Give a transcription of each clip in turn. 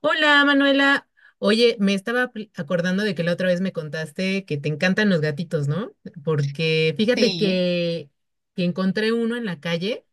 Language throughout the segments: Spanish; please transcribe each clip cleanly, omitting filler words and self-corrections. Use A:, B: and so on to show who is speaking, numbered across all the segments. A: Hola Manuela, oye, me estaba acordando de que la otra vez me contaste que te encantan los gatitos, ¿no? Porque
B: Sí,
A: que encontré uno en la calle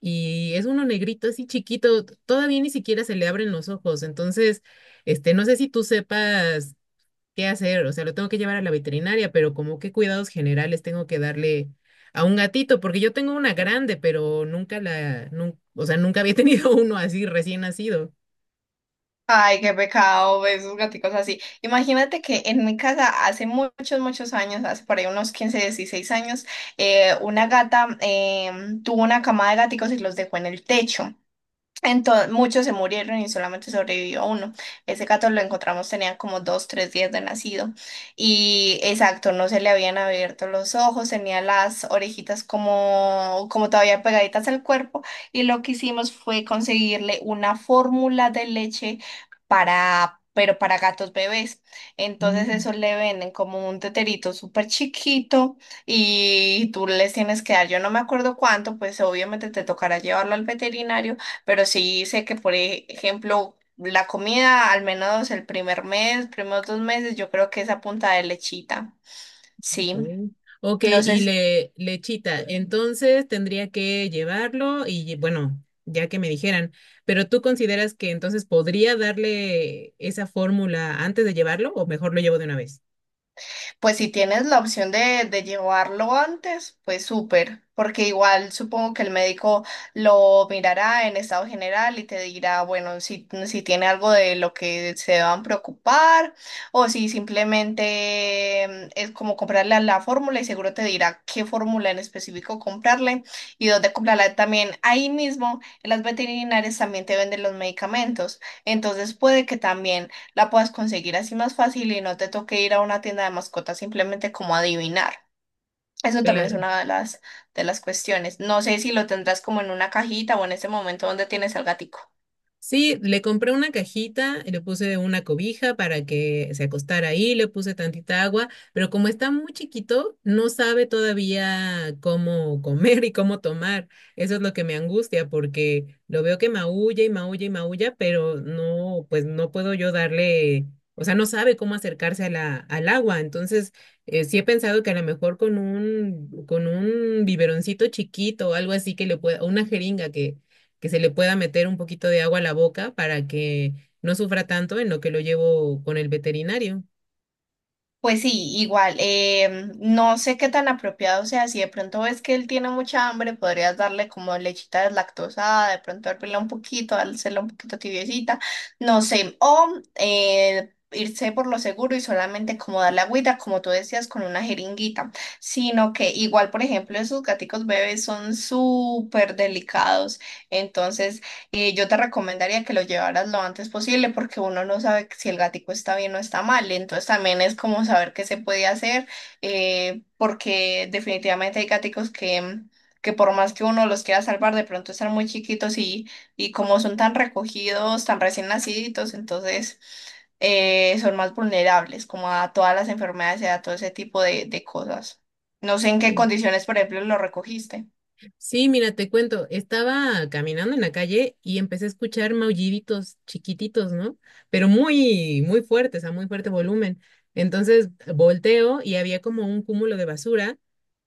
A: y es uno negrito, así chiquito, todavía ni siquiera se le abren los ojos, no sé si tú sepas qué hacer, o sea, lo tengo que llevar a la veterinaria, pero como qué cuidados generales tengo que darle a un gatito, porque yo tengo una grande, pero nunca la, nun- o sea, nunca había tenido uno así recién nacido.
B: ay, qué pecado ver esos gaticos así. Imagínate que en mi casa hace muchos, muchos años, hace por ahí unos 15, 16 años, una gata tuvo una camada de gaticos y los dejó en el techo. Entonces, muchos se murieron y solamente sobrevivió uno. Ese gato lo encontramos, tenía como 2, 3 días de nacido. Y exacto, no se le habían abierto los ojos, tenía las orejitas como, como todavía pegaditas al cuerpo. Y lo que hicimos fue conseguirle una fórmula de leche para, pero para gatos bebés. Entonces, eso le venden como un teterito súper chiquito y tú les tienes que dar, yo no me acuerdo cuánto, pues obviamente te tocará llevarlo al veterinario, pero sí sé que, por ejemplo, la comida, al menos el primer mes, primeros dos meses, yo creo que es a punta de lechita. Sí.
A: Mm. Ok,
B: No
A: y
B: sé.
A: le lechita. Entonces tendría que llevarlo y bueno, ya que me dijeran, pero ¿tú consideras que entonces podría darle esa fórmula antes de llevarlo o mejor lo llevo de una vez?
B: Pues si tienes la opción de llevarlo antes, pues súper, porque igual supongo que el médico lo mirará en estado general y te dirá, bueno, si, si tiene algo de lo que se deban preocupar o si simplemente es como comprarle a la fórmula y seguro te dirá qué fórmula en específico comprarle y dónde comprarla también. Ahí mismo, en las veterinarias también te venden los medicamentos, entonces puede que también la puedas conseguir así más fácil y no te toque ir a una tienda de mascotas simplemente como adivinar. Eso también es
A: Claro.
B: una de las cuestiones. No sé si lo tendrás como en una cajita o en ese momento donde tienes al gatico.
A: Sí, le compré una cajita, le puse una cobija para que se acostara ahí, le puse tantita agua, pero como está muy chiquito, no sabe todavía cómo comer y cómo tomar. Eso es lo que me angustia porque lo veo que maulla y maulla y maulla, pero no, pues no puedo yo darle, o sea, no sabe cómo acercarse a al agua. Entonces, sí he pensado que a lo mejor con un biberoncito chiquito o algo así que le pueda, o una jeringa que se le pueda meter un poquito de agua a la boca para que no sufra tanto en lo que lo llevo con el veterinario.
B: Pues sí, igual, no sé qué tan apropiado sea, si de pronto ves que él tiene mucha hambre, podrías darle como lechita deslactosada, de pronto hervirla un poquito, dársela un poquito tibiecita, no sé, o irse por lo seguro y solamente como darle agüita, como tú decías, con una jeringuita, sino que igual, por ejemplo, esos gaticos bebés son súper delicados, entonces yo te recomendaría que lo llevaras lo antes posible porque uno no sabe si el gatico está bien o está mal. Entonces también es como saber qué se puede hacer, porque definitivamente hay gaticos que, que por más que uno los quiera salvar, de pronto están muy chiquitos y como son tan recogidos, tan recién naciditos, entonces son más vulnerables como a todas las enfermedades y a todo ese tipo de cosas. No sé en qué
A: Sí.
B: condiciones, por ejemplo, lo recogiste.
A: Sí, mira, te cuento, estaba caminando en la calle y empecé a escuchar maulliditos chiquititos, ¿no? Pero muy, muy fuertes, a muy fuerte volumen. Entonces volteo y había como un cúmulo de basura.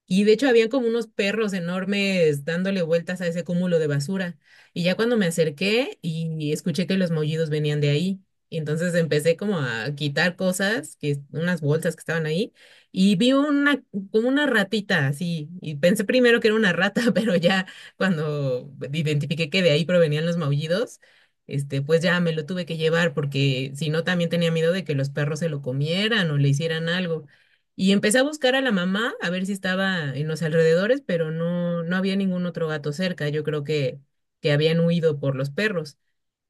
A: Y de hecho habían como unos perros enormes dándole vueltas a ese cúmulo de basura. Y ya cuando me acerqué y escuché que los maullidos venían de ahí. Y entonces empecé como a quitar cosas, que unas bolsas que estaban ahí, y vi una como una ratita así, y pensé primero que era una rata, pero ya cuando identifiqué que de ahí provenían los maullidos, pues ya me lo tuve que llevar porque si no también tenía miedo de que los perros se lo comieran o le hicieran algo. Y empecé a buscar a la mamá, a ver si estaba en los alrededores, pero no, no había ningún otro gato cerca. Yo creo que habían huido por los perros.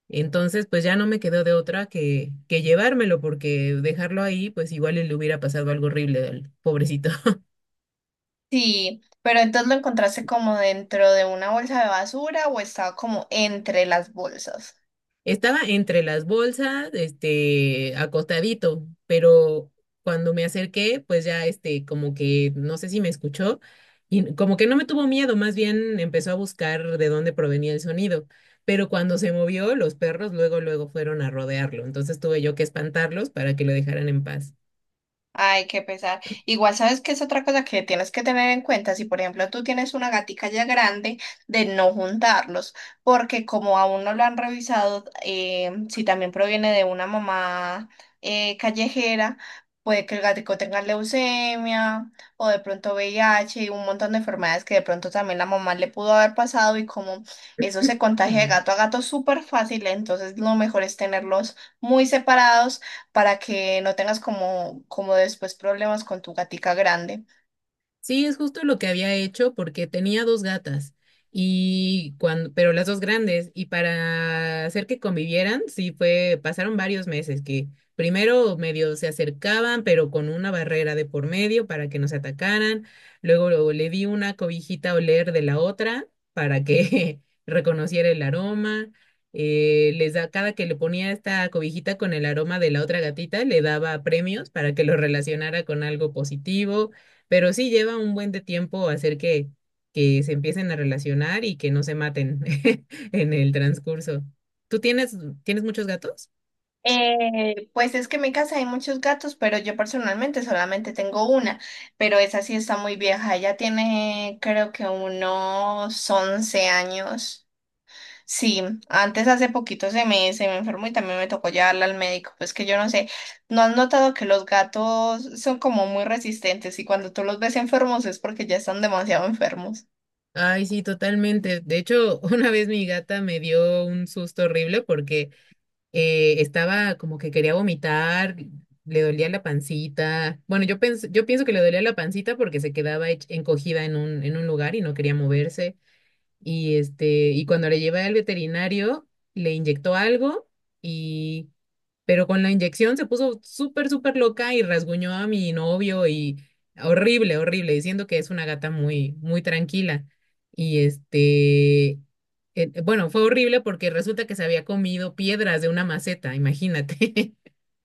A: Entonces, pues ya no me quedó de otra que llevármelo, porque dejarlo ahí, pues igual y le hubiera pasado algo horrible al pobrecito.
B: Sí, pero entonces lo encontraste como dentro de una bolsa de basura o estaba como entre las bolsas.
A: Estaba entre las bolsas, acostadito, pero cuando me acerqué, pues ya, como que no sé si me escuchó y como que no me tuvo miedo, más bien empezó a buscar de dónde provenía el sonido. Pero cuando se movió, los perros luego, luego fueron a rodearlo, entonces tuve yo que espantarlos para que lo dejaran en paz.
B: Ay, qué pesar. Igual sabes que es otra cosa que tienes que tener en cuenta. Si, por ejemplo, tú tienes una gatica ya grande, de no juntarlos, porque como aún no lo han revisado, si también proviene de una mamá callejera, puede que el gatico tenga leucemia o de pronto VIH y un montón de enfermedades que de pronto también la mamá le pudo haber pasado y como eso se contagia de gato a gato súper fácil, entonces lo mejor es tenerlos muy separados para que no tengas como, como después problemas con tu gatica grande.
A: Sí, es justo lo que había hecho porque tenía dos gatas y cuando, pero las dos grandes y para hacer que convivieran, sí fue, pasaron varios meses que primero medio se acercaban, pero con una barrera de por medio para que no se atacaran. Luego, luego le di una cobijita a oler de la otra para que reconociera el aroma. Les da, cada que le ponía esta cobijita con el aroma de la otra gatita, le daba premios para que lo relacionara con algo positivo, pero sí lleva un buen de tiempo hacer que se empiecen a relacionar y que no se maten en el transcurso. ¿Tú tienes, ¿Tienes muchos gatos?
B: Pues es que en mi casa hay muchos gatos, pero yo personalmente solamente tengo una, pero esa sí está muy vieja, ella tiene creo que unos 11 años. Sí, antes hace poquito se me enfermó y también me tocó llevarla al médico, pues que yo no sé, ¿no has notado que los gatos son como muy resistentes y cuando tú los ves enfermos es porque ya están demasiado enfermos?
A: Ay, sí, totalmente. De hecho, una vez mi gata me dio un susto horrible porque estaba como que quería vomitar, le dolía la pancita. Bueno, yo pienso que le dolía la pancita porque se quedaba encogida en un lugar y no quería moverse. Y, y cuando le llevé al veterinario, le inyectó algo y, pero con la inyección se puso súper, súper loca y rasguñó a mi novio y horrible, horrible, diciendo que es una gata muy, muy tranquila. Y este, bueno, fue horrible porque resulta que se había comido piedras de una maceta, imagínate.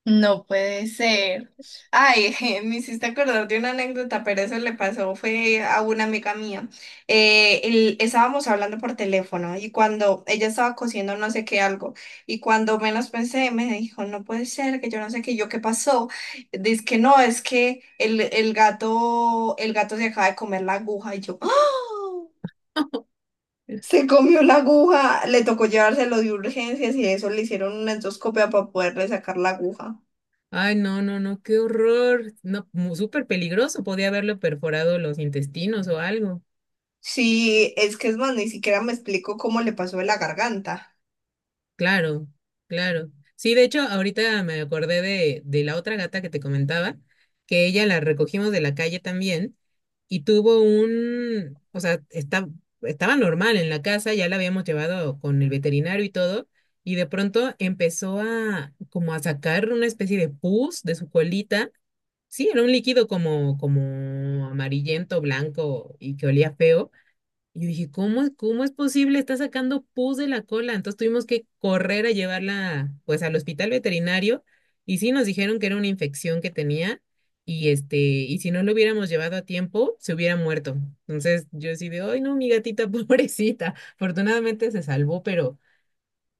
B: No puede ser. Ay, me hiciste acordar de una anécdota, pero eso le pasó, fue a una amiga mía. Estábamos hablando por teléfono y cuando ella estaba cosiendo no sé qué algo, y cuando menos pensé, me dijo, no puede ser, que yo no sé qué, y yo qué pasó. Dice que no, es que el gato, el gato se acaba de comer la aguja y yo, ¡ah! Se comió la aguja, le tocó llevárselo de urgencias y eso le hicieron una endoscopia para poderle sacar la aguja.
A: Ay, no, no, no, qué horror. No, súper peligroso, podía haberle perforado los intestinos o algo.
B: Sí, es que es más, ni siquiera me explico cómo le pasó de la garganta.
A: Claro, claro. Sí, de hecho, ahorita me acordé de la otra gata que te comentaba, que ella la recogimos de la calle también y tuvo un, estaba normal en la casa, ya la habíamos llevado con el veterinario y todo, y de pronto empezó a como a sacar una especie de pus de su colita. Sí, era un líquido como amarillento, blanco y que olía feo. Y yo dije, ¿cómo, cómo es posible? Está sacando pus de la cola. Entonces tuvimos que correr a llevarla, pues, al hospital veterinario. Y sí, nos dijeron que era una infección que tenía. Y y si no lo hubiéramos llevado a tiempo, se hubiera muerto. Entonces yo sí de, ay, no, mi gatita, pobrecita. Afortunadamente se salvó,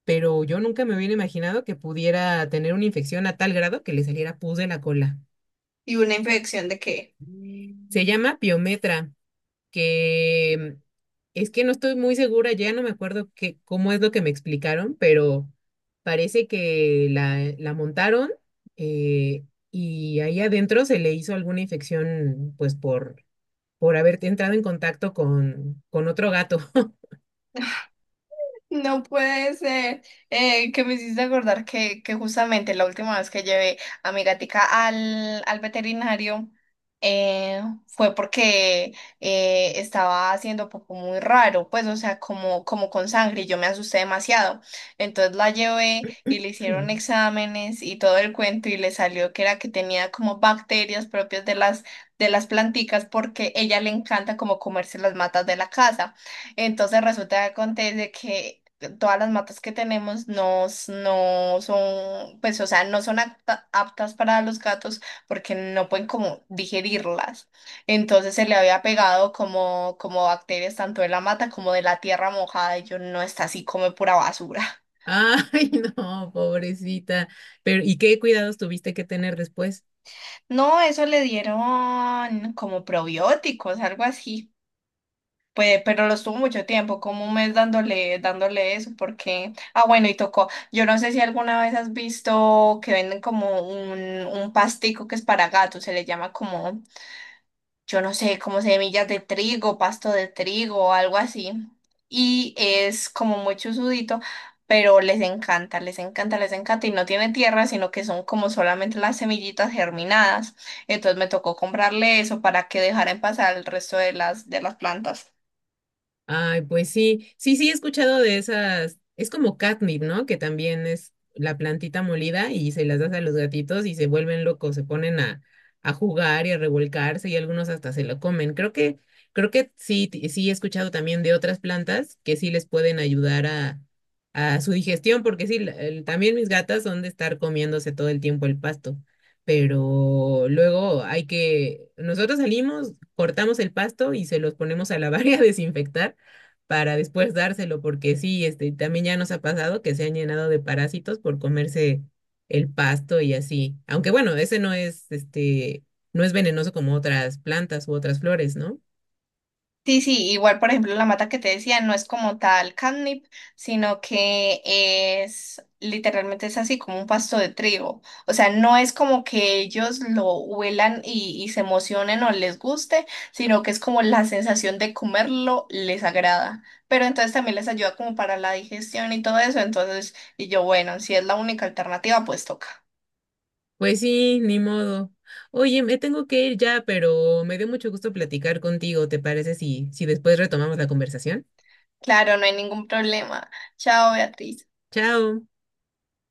A: pero yo nunca me hubiera imaginado que pudiera tener una infección a tal grado que le saliera pus de la cola.
B: ¿Y una infección de qué?
A: Se llama piometra, que es que no estoy muy segura, ya no me acuerdo cómo es lo que me explicaron, pero parece que la montaron, eh, y ahí adentro se le hizo alguna infección, por haber entrado en contacto con otro gato.
B: No puede ser, que me hiciste acordar que justamente la última vez que llevé a mi gatica al, al veterinario, eh, fue porque estaba haciendo poco muy raro, pues o sea, como, como con sangre y yo me asusté demasiado. Entonces la llevé y le hicieron exámenes y todo el cuento y le salió que era que tenía como bacterias propias de las planticas porque ella le encanta como comerse las matas de la casa. Entonces resulta que acontece que todas las matas que tenemos no, s- no son, pues, o sea, no son apta- aptas para los gatos porque no pueden como digerirlas. Entonces se le había pegado como, como bacterias tanto de la mata como de la tierra mojada y yo no está así, come pura basura.
A: Ay, no, pobrecita. Pero, ¿y qué cuidados tuviste que tener después?
B: No, eso le dieron como probióticos, algo así. Pues, pero lo estuvo mucho tiempo, como un mes dándole, dándole eso, porque, ah, bueno, y tocó. Yo no sé si alguna vez has visto que venden como un pastico que es para gatos, se le llama como, yo no sé, como semillas de trigo, pasto de trigo o algo así. Y es como muy chusudito, pero les encanta, les encanta, les encanta. Y no tiene tierra, sino que son como solamente las semillitas germinadas. Entonces me tocó comprarle eso para que dejaran pasar el resto de las plantas.
A: Ay, pues sí, sí, sí, he escuchado de esas, es como catnip, ¿no? Que también es la plantita molida y se las das a los gatitos y se vuelven locos, se ponen a jugar y a revolcarse y algunos hasta se lo comen. Creo que sí, sí he escuchado también de otras plantas que sí les pueden ayudar a su digestión, porque sí, también mis gatas son de estar comiéndose todo el tiempo el pasto, pero luego nosotros salimos, cortamos el pasto y se los ponemos a lavar y a desinfectar para después dárselo, porque sí, también ya nos ha pasado que se han llenado de parásitos por comerse el pasto y así. Aunque bueno, ese no es, este, no es venenoso como otras plantas u otras flores, ¿no?
B: Sí, sí, igual por ejemplo la mata que te decía no es como tal catnip, sino que es literalmente es así como un pasto de trigo. O sea, no es como que ellos lo huelan y se emocionen o les guste, sino que es como la sensación de comerlo les agrada. Pero entonces también les ayuda como para la digestión y todo eso. Entonces, y yo, bueno, si es la única alternativa, pues toca.
A: Pues sí, ni modo. Oye, me tengo que ir ya, pero me dio mucho gusto platicar contigo. ¿Te parece si después retomamos la conversación?
B: Claro, no hay ningún problema. Chao, Beatriz.
A: Chao.